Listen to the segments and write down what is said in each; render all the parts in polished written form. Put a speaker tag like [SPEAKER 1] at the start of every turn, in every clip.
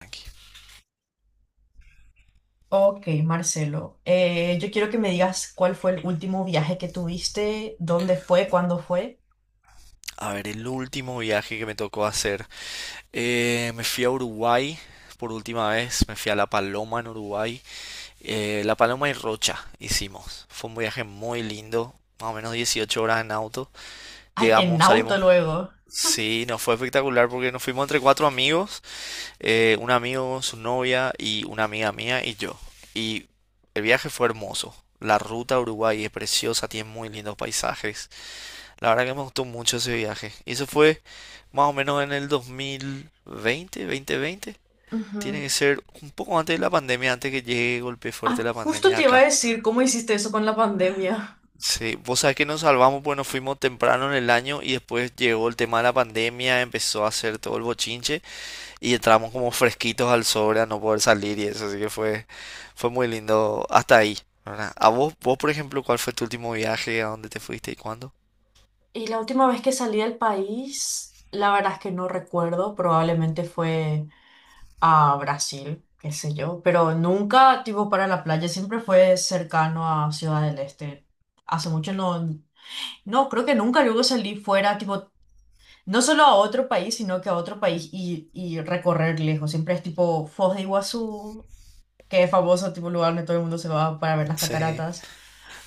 [SPEAKER 1] Aquí.
[SPEAKER 2] Ok, Marcelo, yo quiero que me digas cuál fue el último viaje que tuviste, dónde fue, cuándo fue.
[SPEAKER 1] A ver, el último viaje que me tocó hacer. Me fui a Uruguay por última vez. Me fui a La Paloma en Uruguay. La Paloma y Rocha hicimos. Fue un viaje muy lindo. Más o menos 18 horas en auto.
[SPEAKER 2] Ay, en
[SPEAKER 1] Llegamos,
[SPEAKER 2] auto
[SPEAKER 1] salimos.
[SPEAKER 2] luego.
[SPEAKER 1] Sí, nos fue espectacular porque nos fuimos entre cuatro amigos. Un amigo, su novia y una amiga mía y yo. Y el viaje fue hermoso. La ruta a Uruguay es preciosa, tiene muy lindos paisajes. La verdad que me gustó mucho ese viaje. Y eso fue más o menos en el 2020, 2020. Tiene
[SPEAKER 2] Ujú.
[SPEAKER 1] que ser un poco antes de la pandemia, antes que llegue golpe fuerte
[SPEAKER 2] Ah,
[SPEAKER 1] la
[SPEAKER 2] justo
[SPEAKER 1] pandemia
[SPEAKER 2] te iba a
[SPEAKER 1] acá.
[SPEAKER 2] decir cómo hiciste eso con la pandemia.
[SPEAKER 1] Sí, vos sabés que nos salvamos porque nos fuimos temprano en el año y después llegó el tema de la pandemia, empezó a hacer todo el bochinche y entramos como fresquitos al sobre a no poder salir y eso, así que fue muy lindo hasta ahí, ¿verdad? A vos, por ejemplo, ¿cuál fue tu último viaje? ¿A dónde te fuiste y cuándo?
[SPEAKER 2] Y la última vez que salí del país, la verdad es que no recuerdo, probablemente fue a Brasil, qué sé yo, pero nunca tipo para la playa, siempre fue cercano a Ciudad del Este. Hace mucho no, no, creo que nunca luego salí fuera, tipo no solo a otro país, sino que a otro país y recorrer lejos. Siempre es tipo Foz de Iguazú, que es famoso, tipo lugar donde todo el mundo se va para ver las
[SPEAKER 1] Sí,
[SPEAKER 2] cataratas.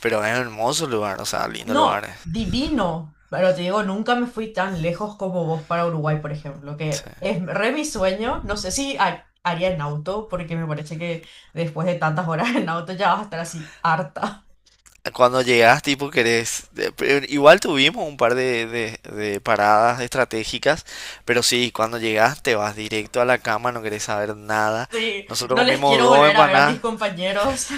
[SPEAKER 1] pero es un hermoso lugar, o sea, lindo lugar.
[SPEAKER 2] No, divino. Pero te digo, nunca me fui tan lejos como vos para Uruguay, por ejemplo, que
[SPEAKER 1] Sí.
[SPEAKER 2] es re mi sueño. No sé si haría en auto, porque me parece que después de tantas horas en auto ya vas a estar así harta.
[SPEAKER 1] Cuando llegas, tipo, querés. Igual tuvimos un par de paradas estratégicas, pero sí, cuando llegas te vas directo a la cama, no querés saber nada.
[SPEAKER 2] Sí,
[SPEAKER 1] Nosotros
[SPEAKER 2] no les
[SPEAKER 1] comimos
[SPEAKER 2] quiero
[SPEAKER 1] dos
[SPEAKER 2] volver a ver a mis
[SPEAKER 1] empanadas.
[SPEAKER 2] compañeros.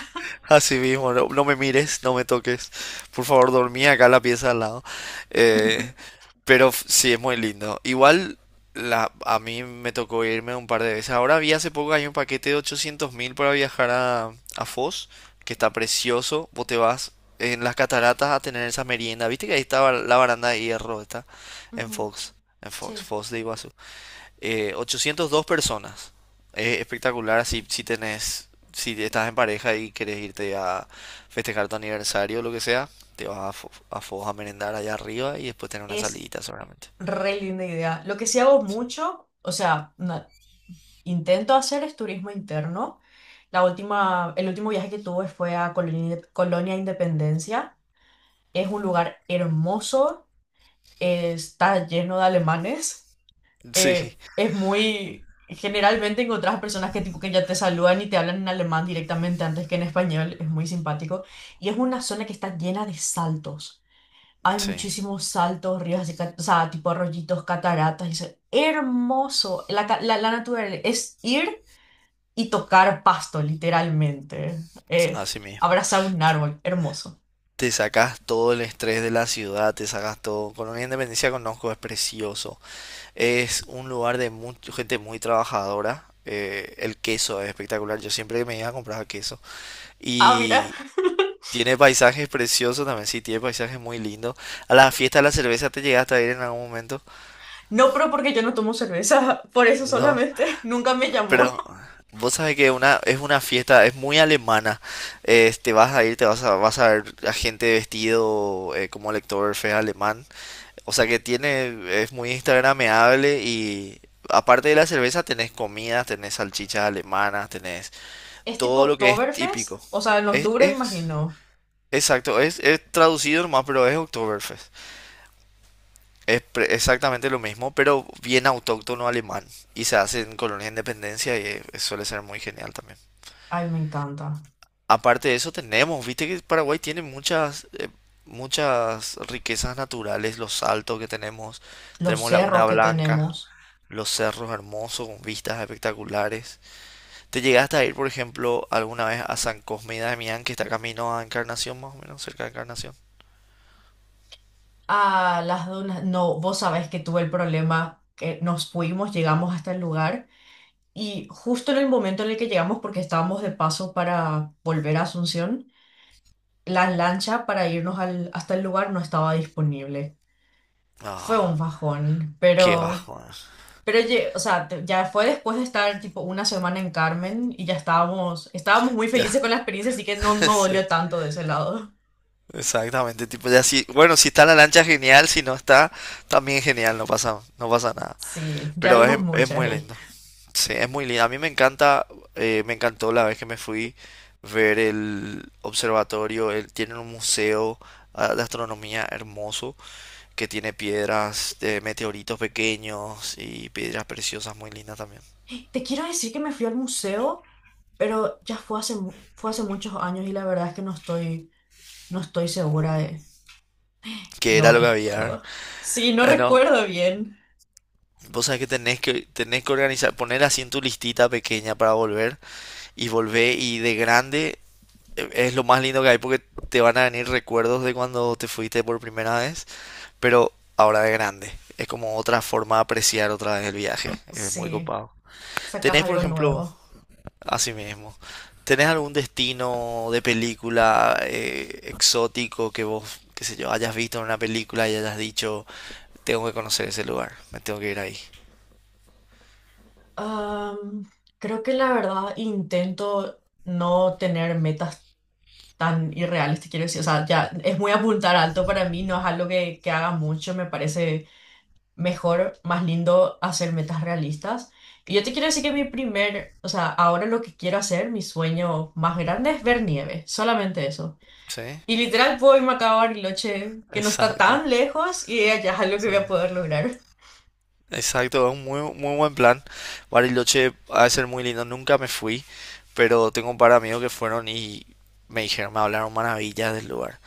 [SPEAKER 1] Así mismo, no, no me mires, no me toques. Por favor, dormí acá en la pieza al lado. Eh, pero sí, es muy lindo. Igual a mí me tocó irme un par de veces. Ahora vi hace poco que hay un paquete de 800.000 para viajar a, Foz, que está precioso. Vos te vas en las cataratas a tener esa merienda. ¿Viste que ahí estaba la baranda de hierro? Está en
[SPEAKER 2] Ujú.
[SPEAKER 1] Fox, en Fox,
[SPEAKER 2] Sí.
[SPEAKER 1] Foz de Iguazú. 802 personas. Es espectacular si tenés, si estás en pareja y querés irte a festejar tu aniversario o lo que sea, te vas a Foz a merendar allá arriba y después tener una
[SPEAKER 2] Es
[SPEAKER 1] salidita seguramente.
[SPEAKER 2] re linda idea. Lo que sí hago mucho, o sea, intento hacer es turismo interno. El último viaje que tuve fue a Colonia, Colonia Independencia. Es un lugar hermoso, está lleno de alemanes.
[SPEAKER 1] Sí,
[SPEAKER 2] Generalmente encontrás personas que, tipo, que ya te saludan y te hablan en alemán directamente antes que en español. Es muy simpático. Y es una zona que está llena de saltos. Hay
[SPEAKER 1] sí,
[SPEAKER 2] muchísimos saltos, ríos, así o sea, tipo rollitos, cataratas, y eso es hermoso. La naturaleza es ir y tocar pasto, literalmente.
[SPEAKER 1] así mismo.
[SPEAKER 2] Abrazar un árbol, hermoso.
[SPEAKER 1] Te sacas todo el estrés de la ciudad, te sacas todo. Colonia Independencia conozco, es precioso. Es un lugar de mucha gente muy trabajadora. El queso es espectacular. Yo siempre me iba a comprar queso.
[SPEAKER 2] Ah, mira,
[SPEAKER 1] Y tiene paisajes preciosos también, sí, tiene paisajes muy lindos. A la fiesta de la cerveza te llegaste a ir en algún momento,
[SPEAKER 2] no, pero porque yo no tomo cerveza, por eso
[SPEAKER 1] ¿no?
[SPEAKER 2] solamente, nunca me llamó.
[SPEAKER 1] Pero vos sabés que es una fiesta, es muy alemana. Te vas a ir, vas a ver a gente vestido como lector feo alemán. O sea que es muy instagrameable y aparte de la cerveza tenés comidas, tenés salchichas alemanas, tenés
[SPEAKER 2] Es tipo
[SPEAKER 1] todo lo que es típico.
[SPEAKER 2] Oktoberfest, o sea, en
[SPEAKER 1] Es,
[SPEAKER 2] octubre,
[SPEAKER 1] es,
[SPEAKER 2] imagino.
[SPEAKER 1] exacto, es traducido nomás, pero es Oktoberfest. Es exactamente lo mismo, pero bien autóctono alemán. Y se hace en Colonia Independencia y suele ser muy genial también.
[SPEAKER 2] Ay, me encanta.
[SPEAKER 1] Aparte de eso tenemos, viste que Paraguay tiene muchas riquezas naturales, los saltos que tenemos,
[SPEAKER 2] Los
[SPEAKER 1] tenemos la una
[SPEAKER 2] cerros que
[SPEAKER 1] Blanca,
[SPEAKER 2] tenemos.
[SPEAKER 1] los cerros hermosos con vistas espectaculares. ¿Te llegaste a ir, por ejemplo, alguna vez a San Cosme y Damián, que está camino a Encarnación, más o menos, cerca de Encarnación?
[SPEAKER 2] Ah, las dunas. No, vos sabés que tuve el problema que nos fuimos, llegamos hasta el lugar. Y justo en el momento en el que llegamos, porque estábamos de paso para volver a Asunción, la lancha para irnos hasta el lugar no estaba disponible. Fue un
[SPEAKER 1] Ah,
[SPEAKER 2] bajón,
[SPEAKER 1] qué
[SPEAKER 2] pero,
[SPEAKER 1] bajo, eh.
[SPEAKER 2] o sea, ya fue después de estar tipo una semana en Carmen y ya estábamos muy
[SPEAKER 1] Ya,
[SPEAKER 2] felices con la experiencia, así que no, no
[SPEAKER 1] sí.
[SPEAKER 2] dolió tanto de ese lado.
[SPEAKER 1] Exactamente, tipo ya si, bueno, si está la lancha genial, si no está, también genial, no pasa, no pasa nada.
[SPEAKER 2] Sí, ya
[SPEAKER 1] Pero es,
[SPEAKER 2] vimos
[SPEAKER 1] es
[SPEAKER 2] muchas
[SPEAKER 1] muy
[SPEAKER 2] ahí.
[SPEAKER 1] lindo. Sí, es muy lindo. A mí me encanta, me encantó la vez que me fui ver el observatorio. Él tiene un museo de astronomía hermoso que tiene piedras de meteoritos pequeños y piedras preciosas muy lindas también.
[SPEAKER 2] Te quiero decir que me fui al museo, pero ya fue hace, fue hace muchos años y la verdad es que no estoy segura de...
[SPEAKER 1] Que
[SPEAKER 2] No
[SPEAKER 1] era lo que había.
[SPEAKER 2] recuerdo. Sí, no
[SPEAKER 1] No,
[SPEAKER 2] recuerdo bien.
[SPEAKER 1] vos sabés que tenés que organizar, poner así en tu listita pequeña para volver y volvé y de grande es lo más lindo que hay porque te van a venir recuerdos de cuando te fuiste por primera vez, pero ahora de grande. Es como otra forma de apreciar otra vez el viaje. Es muy
[SPEAKER 2] Sí,
[SPEAKER 1] copado.
[SPEAKER 2] sacas
[SPEAKER 1] ¿Tenés, por
[SPEAKER 2] algo
[SPEAKER 1] ejemplo,
[SPEAKER 2] nuevo.
[SPEAKER 1] así mismo, tenés algún destino de película exótico que vos, qué sé yo, hayas visto en una película y hayas dicho, tengo que conocer ese lugar, me tengo que ir ahí?
[SPEAKER 2] Am, creo que la verdad intento no tener metas tan irreales, te quiero decir. O sea, ya es muy apuntar alto para mí, no es algo que haga mucho. Me parece mejor, más lindo hacer metas realistas. Y yo te quiero decir que o sea, ahora lo que quiero hacer, mi sueño más grande es ver nieve, solamente eso.
[SPEAKER 1] Sí,
[SPEAKER 2] Y literal puedo irme acá a Bariloche, que no está
[SPEAKER 1] exacto.
[SPEAKER 2] tan lejos, y allá es algo que
[SPEAKER 1] Sí.
[SPEAKER 2] voy a poder lograr.
[SPEAKER 1] Exacto, es un muy, muy buen plan. Bariloche ha de ser muy lindo. Nunca me fui, pero tengo un par de amigos que fueron y me dijeron, me hablaron maravillas del lugar.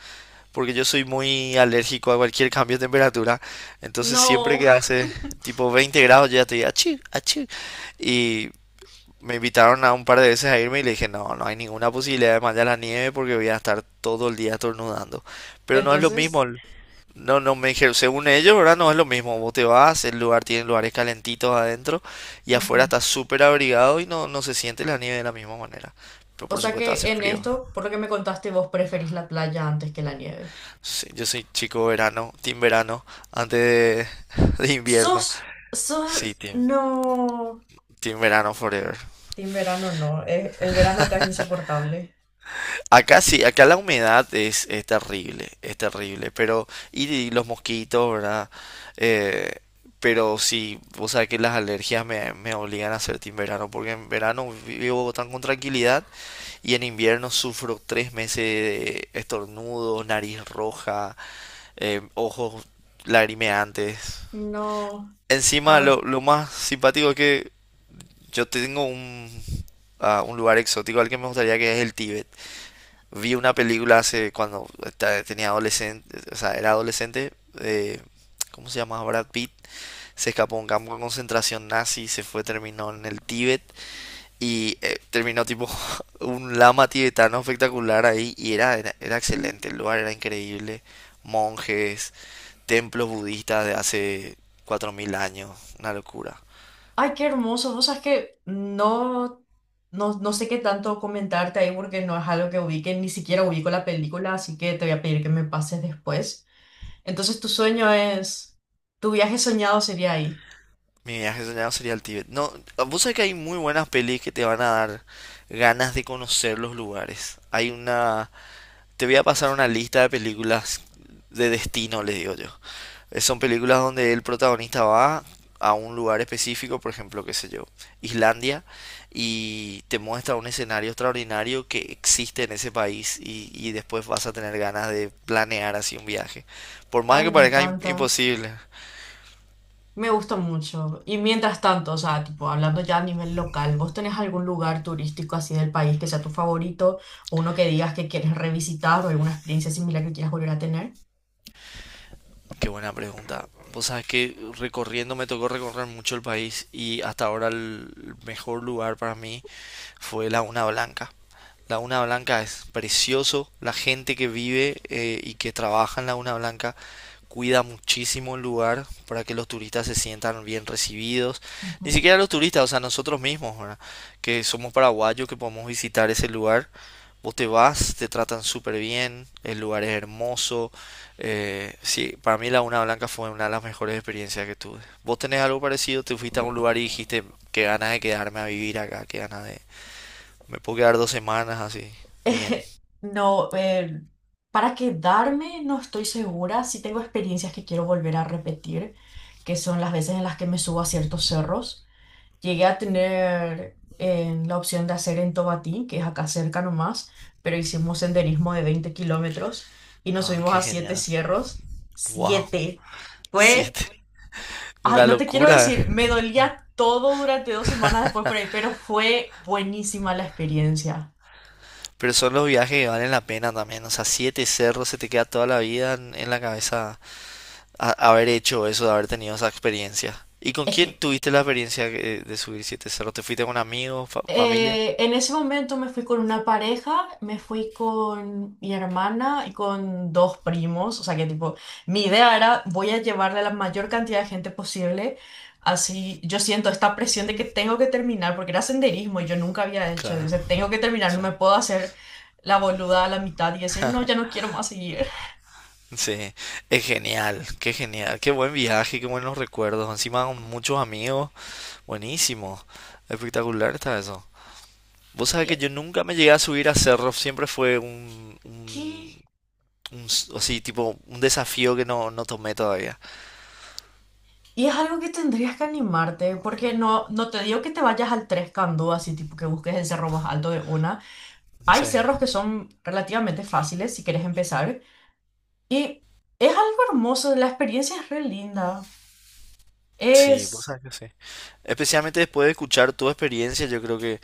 [SPEAKER 1] Porque yo soy muy alérgico a cualquier cambio de temperatura. Entonces siempre
[SPEAKER 2] No.
[SPEAKER 1] que hace tipo 20 grados yo ya te digo, achí, achí. Y me invitaron a un par de veces a irme y le dije, no, no hay ninguna posibilidad de mandar la nieve porque voy a estar todo el día estornudando. Pero no es lo mismo.
[SPEAKER 2] Entonces,
[SPEAKER 1] No, no, me dijeron, según ellos, ¿verdad? No es lo mismo. Vos te vas, el lugar tiene lugares calentitos adentro y afuera
[SPEAKER 2] ujú.
[SPEAKER 1] está súper abrigado y no, no se siente la nieve de la misma manera. Pero
[SPEAKER 2] O
[SPEAKER 1] por
[SPEAKER 2] sea
[SPEAKER 1] supuesto
[SPEAKER 2] que
[SPEAKER 1] hace
[SPEAKER 2] en
[SPEAKER 1] frío.
[SPEAKER 2] esto, por lo que me contaste, vos preferís la playa antes que la nieve.
[SPEAKER 1] Sí, yo soy chico verano, team verano, antes de, de invierno.
[SPEAKER 2] Sos,
[SPEAKER 1] Sí, team,
[SPEAKER 2] no.
[SPEAKER 1] team verano forever.
[SPEAKER 2] Team verano no, el verano acá es insoportable.
[SPEAKER 1] Acá sí, acá la humedad es terrible, es terrible, pero y los mosquitos, ¿verdad? Eh, pero sí, o sea que las alergias me obligan a hacer en verano, porque en verano vivo tan con tranquilidad y en invierno sufro 3 meses de estornudos, nariz roja, ojos lagrimeantes.
[SPEAKER 2] No.
[SPEAKER 1] Encima
[SPEAKER 2] Ah.
[SPEAKER 1] lo más simpático es que yo tengo un lugar exótico al que me gustaría que es el Tíbet. Vi una película hace cuando tenía adolescente, o sea, era adolescente, eh, ¿cómo se llama? Brad Pitt. Se escapó a un campo de concentración nazi, se fue, terminó en el Tíbet y terminó tipo un lama tibetano espectacular ahí y era excelente, el lugar era increíble. Monjes, templos budistas de hace 4.000 años, una locura.
[SPEAKER 2] Ay, qué hermoso. Vos sabés que no sé qué tanto comentarte ahí porque no es algo que ubique, ni siquiera ubico la película, así que te voy a pedir que me pases después. Entonces, tu viaje soñado sería ahí.
[SPEAKER 1] Mi viaje soñado sería el Tíbet. No, vos sabés que hay muy buenas pelis que te van a dar ganas de conocer los lugares. Hay una. Te voy a pasar una lista de películas de destino, le digo yo. Son películas donde el protagonista va a un lugar específico, por ejemplo, qué sé yo, Islandia, y te muestra un escenario extraordinario que existe en ese país y después vas a tener ganas de planear así un viaje. Por más
[SPEAKER 2] Ay,
[SPEAKER 1] que
[SPEAKER 2] me
[SPEAKER 1] parezca
[SPEAKER 2] encanta.
[SPEAKER 1] imposible.
[SPEAKER 2] Me gusta mucho. Y mientras tanto, o sea, tipo, hablando ya a nivel local, ¿vos tenés algún lugar turístico así del país que sea tu favorito? ¿O uno que digas que quieres revisitar o alguna experiencia similar que quieras volver a tener?
[SPEAKER 1] Qué buena pregunta. Vos sabés que recorriendo me tocó recorrer mucho el país y hasta ahora el mejor lugar para mí fue la una Blanca. La una Blanca es precioso, la gente que vive y que trabaja en la una Blanca cuida muchísimo el lugar para que los turistas se sientan bien recibidos. Ni
[SPEAKER 2] Ujú.
[SPEAKER 1] siquiera los turistas, o sea, nosotros mismos, ¿verdad? Que somos paraguayos, que podemos visitar ese lugar. Vos te vas, te tratan súper bien, el lugar es hermoso. Sí, para mí la una Blanca fue una de las mejores experiencias que tuve. ¿Vos tenés algo parecido? ¿Te fuiste a un lugar y dijiste que ganas de quedarme a vivir acá, que ganas de, me puedo quedar 2 semanas así? Bien.
[SPEAKER 2] Eh, No, para quedarme no estoy segura. Sí tengo experiencias que quiero volver a repetir, que son las veces en las que me subo a ciertos cerros. Llegué a tener la opción de hacer en Tobatí, que es acá cerca nomás, pero hicimos senderismo de 20 kilómetros y nos
[SPEAKER 1] Ah,
[SPEAKER 2] subimos
[SPEAKER 1] qué
[SPEAKER 2] a siete
[SPEAKER 1] genial.
[SPEAKER 2] cierros.
[SPEAKER 1] Wow.
[SPEAKER 2] ¡Siete! Fue,
[SPEAKER 1] Siete.
[SPEAKER 2] ay,
[SPEAKER 1] Una
[SPEAKER 2] no te quiero
[SPEAKER 1] locura.
[SPEAKER 2] decir, me dolía todo durante 2 semanas después por ahí, pero fue buenísima la experiencia.
[SPEAKER 1] Pero son los viajes que valen la pena también. O sea, siete cerros se te queda toda la vida en, la cabeza haber hecho eso, de haber tenido esa experiencia. ¿Y con
[SPEAKER 2] Es
[SPEAKER 1] quién
[SPEAKER 2] que
[SPEAKER 1] tuviste la experiencia de subir siete cerros? ¿Te fuiste con amigos, familia?
[SPEAKER 2] En ese momento me fui con una pareja, me fui con mi hermana y con dos primos, o sea que tipo, mi idea era voy a llevarle a la mayor cantidad de gente posible, así yo siento esta presión de que tengo que terminar, porque era senderismo y yo nunca había hecho, o
[SPEAKER 1] Claro.
[SPEAKER 2] sea, tengo que
[SPEAKER 1] O
[SPEAKER 2] terminar, no me
[SPEAKER 1] sea,
[SPEAKER 2] puedo hacer la boluda a la mitad y decir, no, ya no quiero más seguir.
[SPEAKER 1] sí. Es genial. Qué genial. Qué buen viaje, qué buenos recuerdos. Encima con muchos amigos. Buenísimo. Espectacular está eso. Vos sabés que
[SPEAKER 2] Y,
[SPEAKER 1] yo nunca me llegué a subir a cerros, siempre fue
[SPEAKER 2] ¿qué?
[SPEAKER 1] así, tipo, un desafío que no, no tomé todavía.
[SPEAKER 2] Y es algo que tendrías que animarte, porque no te digo que te vayas al Tres Candú, así tipo que busques el cerro más alto de una. Hay
[SPEAKER 1] Sí,
[SPEAKER 2] cerros que son relativamente fáciles si quieres empezar. Y es algo hermoso, la experiencia es re linda.
[SPEAKER 1] sí, vos
[SPEAKER 2] Es,
[SPEAKER 1] sabés que sí. Especialmente después de escuchar tu experiencia, yo creo que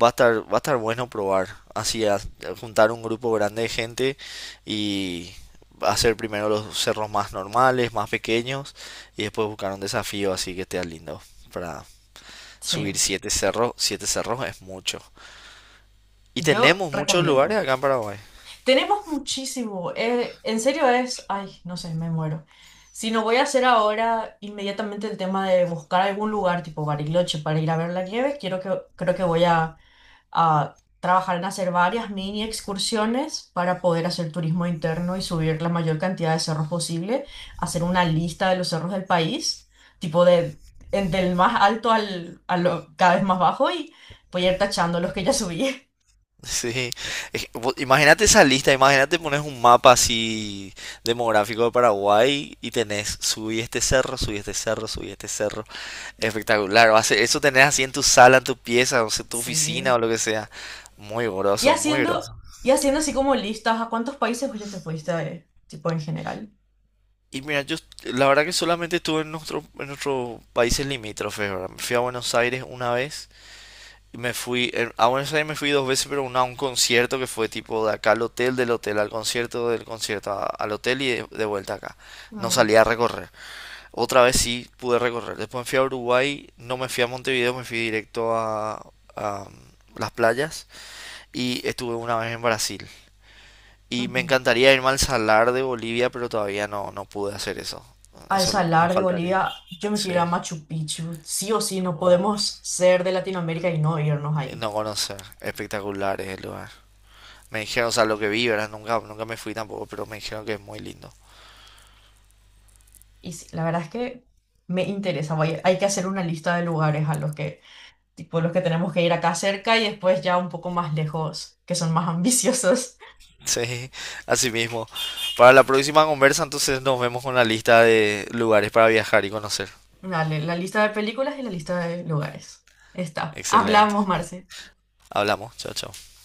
[SPEAKER 1] va a estar bueno probar, así, a juntar un grupo grande de gente y hacer primero los cerros más normales, más pequeños, y después buscar un desafío así que esté lindo para
[SPEAKER 2] sí,
[SPEAKER 1] subir siete cerros es mucho. Y
[SPEAKER 2] yo
[SPEAKER 1] tenemos muchos lugares
[SPEAKER 2] recomiendo.
[SPEAKER 1] acá en Paraguay.
[SPEAKER 2] Tenemos muchísimo, en serio es, ay, no sé, me muero. Si no voy a hacer ahora inmediatamente el tema de buscar algún lugar tipo Bariloche para ir a ver la nieve, creo que voy a trabajar en hacer varias mini excursiones para poder hacer turismo interno y subir la mayor cantidad de cerros posible, hacer una lista de los cerros del país, tipo de, del más alto al, a lo cada vez más bajo y voy a ir tachando los que ya subí.
[SPEAKER 1] Sí, es que, imagínate esa lista, imagínate pones un mapa así demográfico de Paraguay y tenés subí este cerro, subí este cerro, subí este cerro. Espectacular, eso tenés así en tu sala, en tu pieza, o sea, tu oficina
[SPEAKER 2] Sí.
[SPEAKER 1] o lo que sea. Muy
[SPEAKER 2] Y
[SPEAKER 1] groso, muy
[SPEAKER 2] haciendo,
[SPEAKER 1] groso.
[SPEAKER 2] y haciendo así como listas, ¿a cuántos países vos ya te fuiste, tipo en general?
[SPEAKER 1] Y mira, yo la verdad que solamente estuve en nuestros países limítrofes, ¿verdad? Me fui a Buenos Aires una vez. Me fui, a Buenos Aires me fui dos veces, pero una a un concierto que fue tipo de acá al hotel, del hotel al concierto, del concierto al hotel y de vuelta acá. No
[SPEAKER 2] Mm,
[SPEAKER 1] salí a recorrer. Otra vez sí pude recorrer. Después me fui a Uruguay, no me fui a Montevideo, me fui directo a las playas y estuve una vez en Brasil. Y me
[SPEAKER 2] ujú.
[SPEAKER 1] encantaría irme al Salar de Bolivia, pero todavía no, no pude hacer eso.
[SPEAKER 2] Al
[SPEAKER 1] Eso me
[SPEAKER 2] salar de
[SPEAKER 1] faltaría.
[SPEAKER 2] Bolivia, yo me quiero ir a
[SPEAKER 1] Sí.
[SPEAKER 2] Machu Picchu. Sí o sí, no
[SPEAKER 1] Oh,
[SPEAKER 2] podemos ser de Latinoamérica y no irnos ahí.
[SPEAKER 1] No conocer. Espectacular es el lugar. Me dijeron, o sea, lo que vi, ¿verdad? Nunca, nunca me fui tampoco, pero me dijeron que es muy lindo.
[SPEAKER 2] Y sí, la verdad es que me interesa. Hay que hacer una lista de lugares a los que, tipo, los que tenemos que ir acá cerca y después ya un poco más lejos, que son más ambiciosos.
[SPEAKER 1] Sí, así mismo. Para la próxima conversa, entonces nos vemos con la lista de lugares para viajar y conocer.
[SPEAKER 2] Dale, la lista de películas y la lista de lugares. Está.
[SPEAKER 1] Excelente.
[SPEAKER 2] Hablamos, Marce.
[SPEAKER 1] Hablamos. Chao, chao.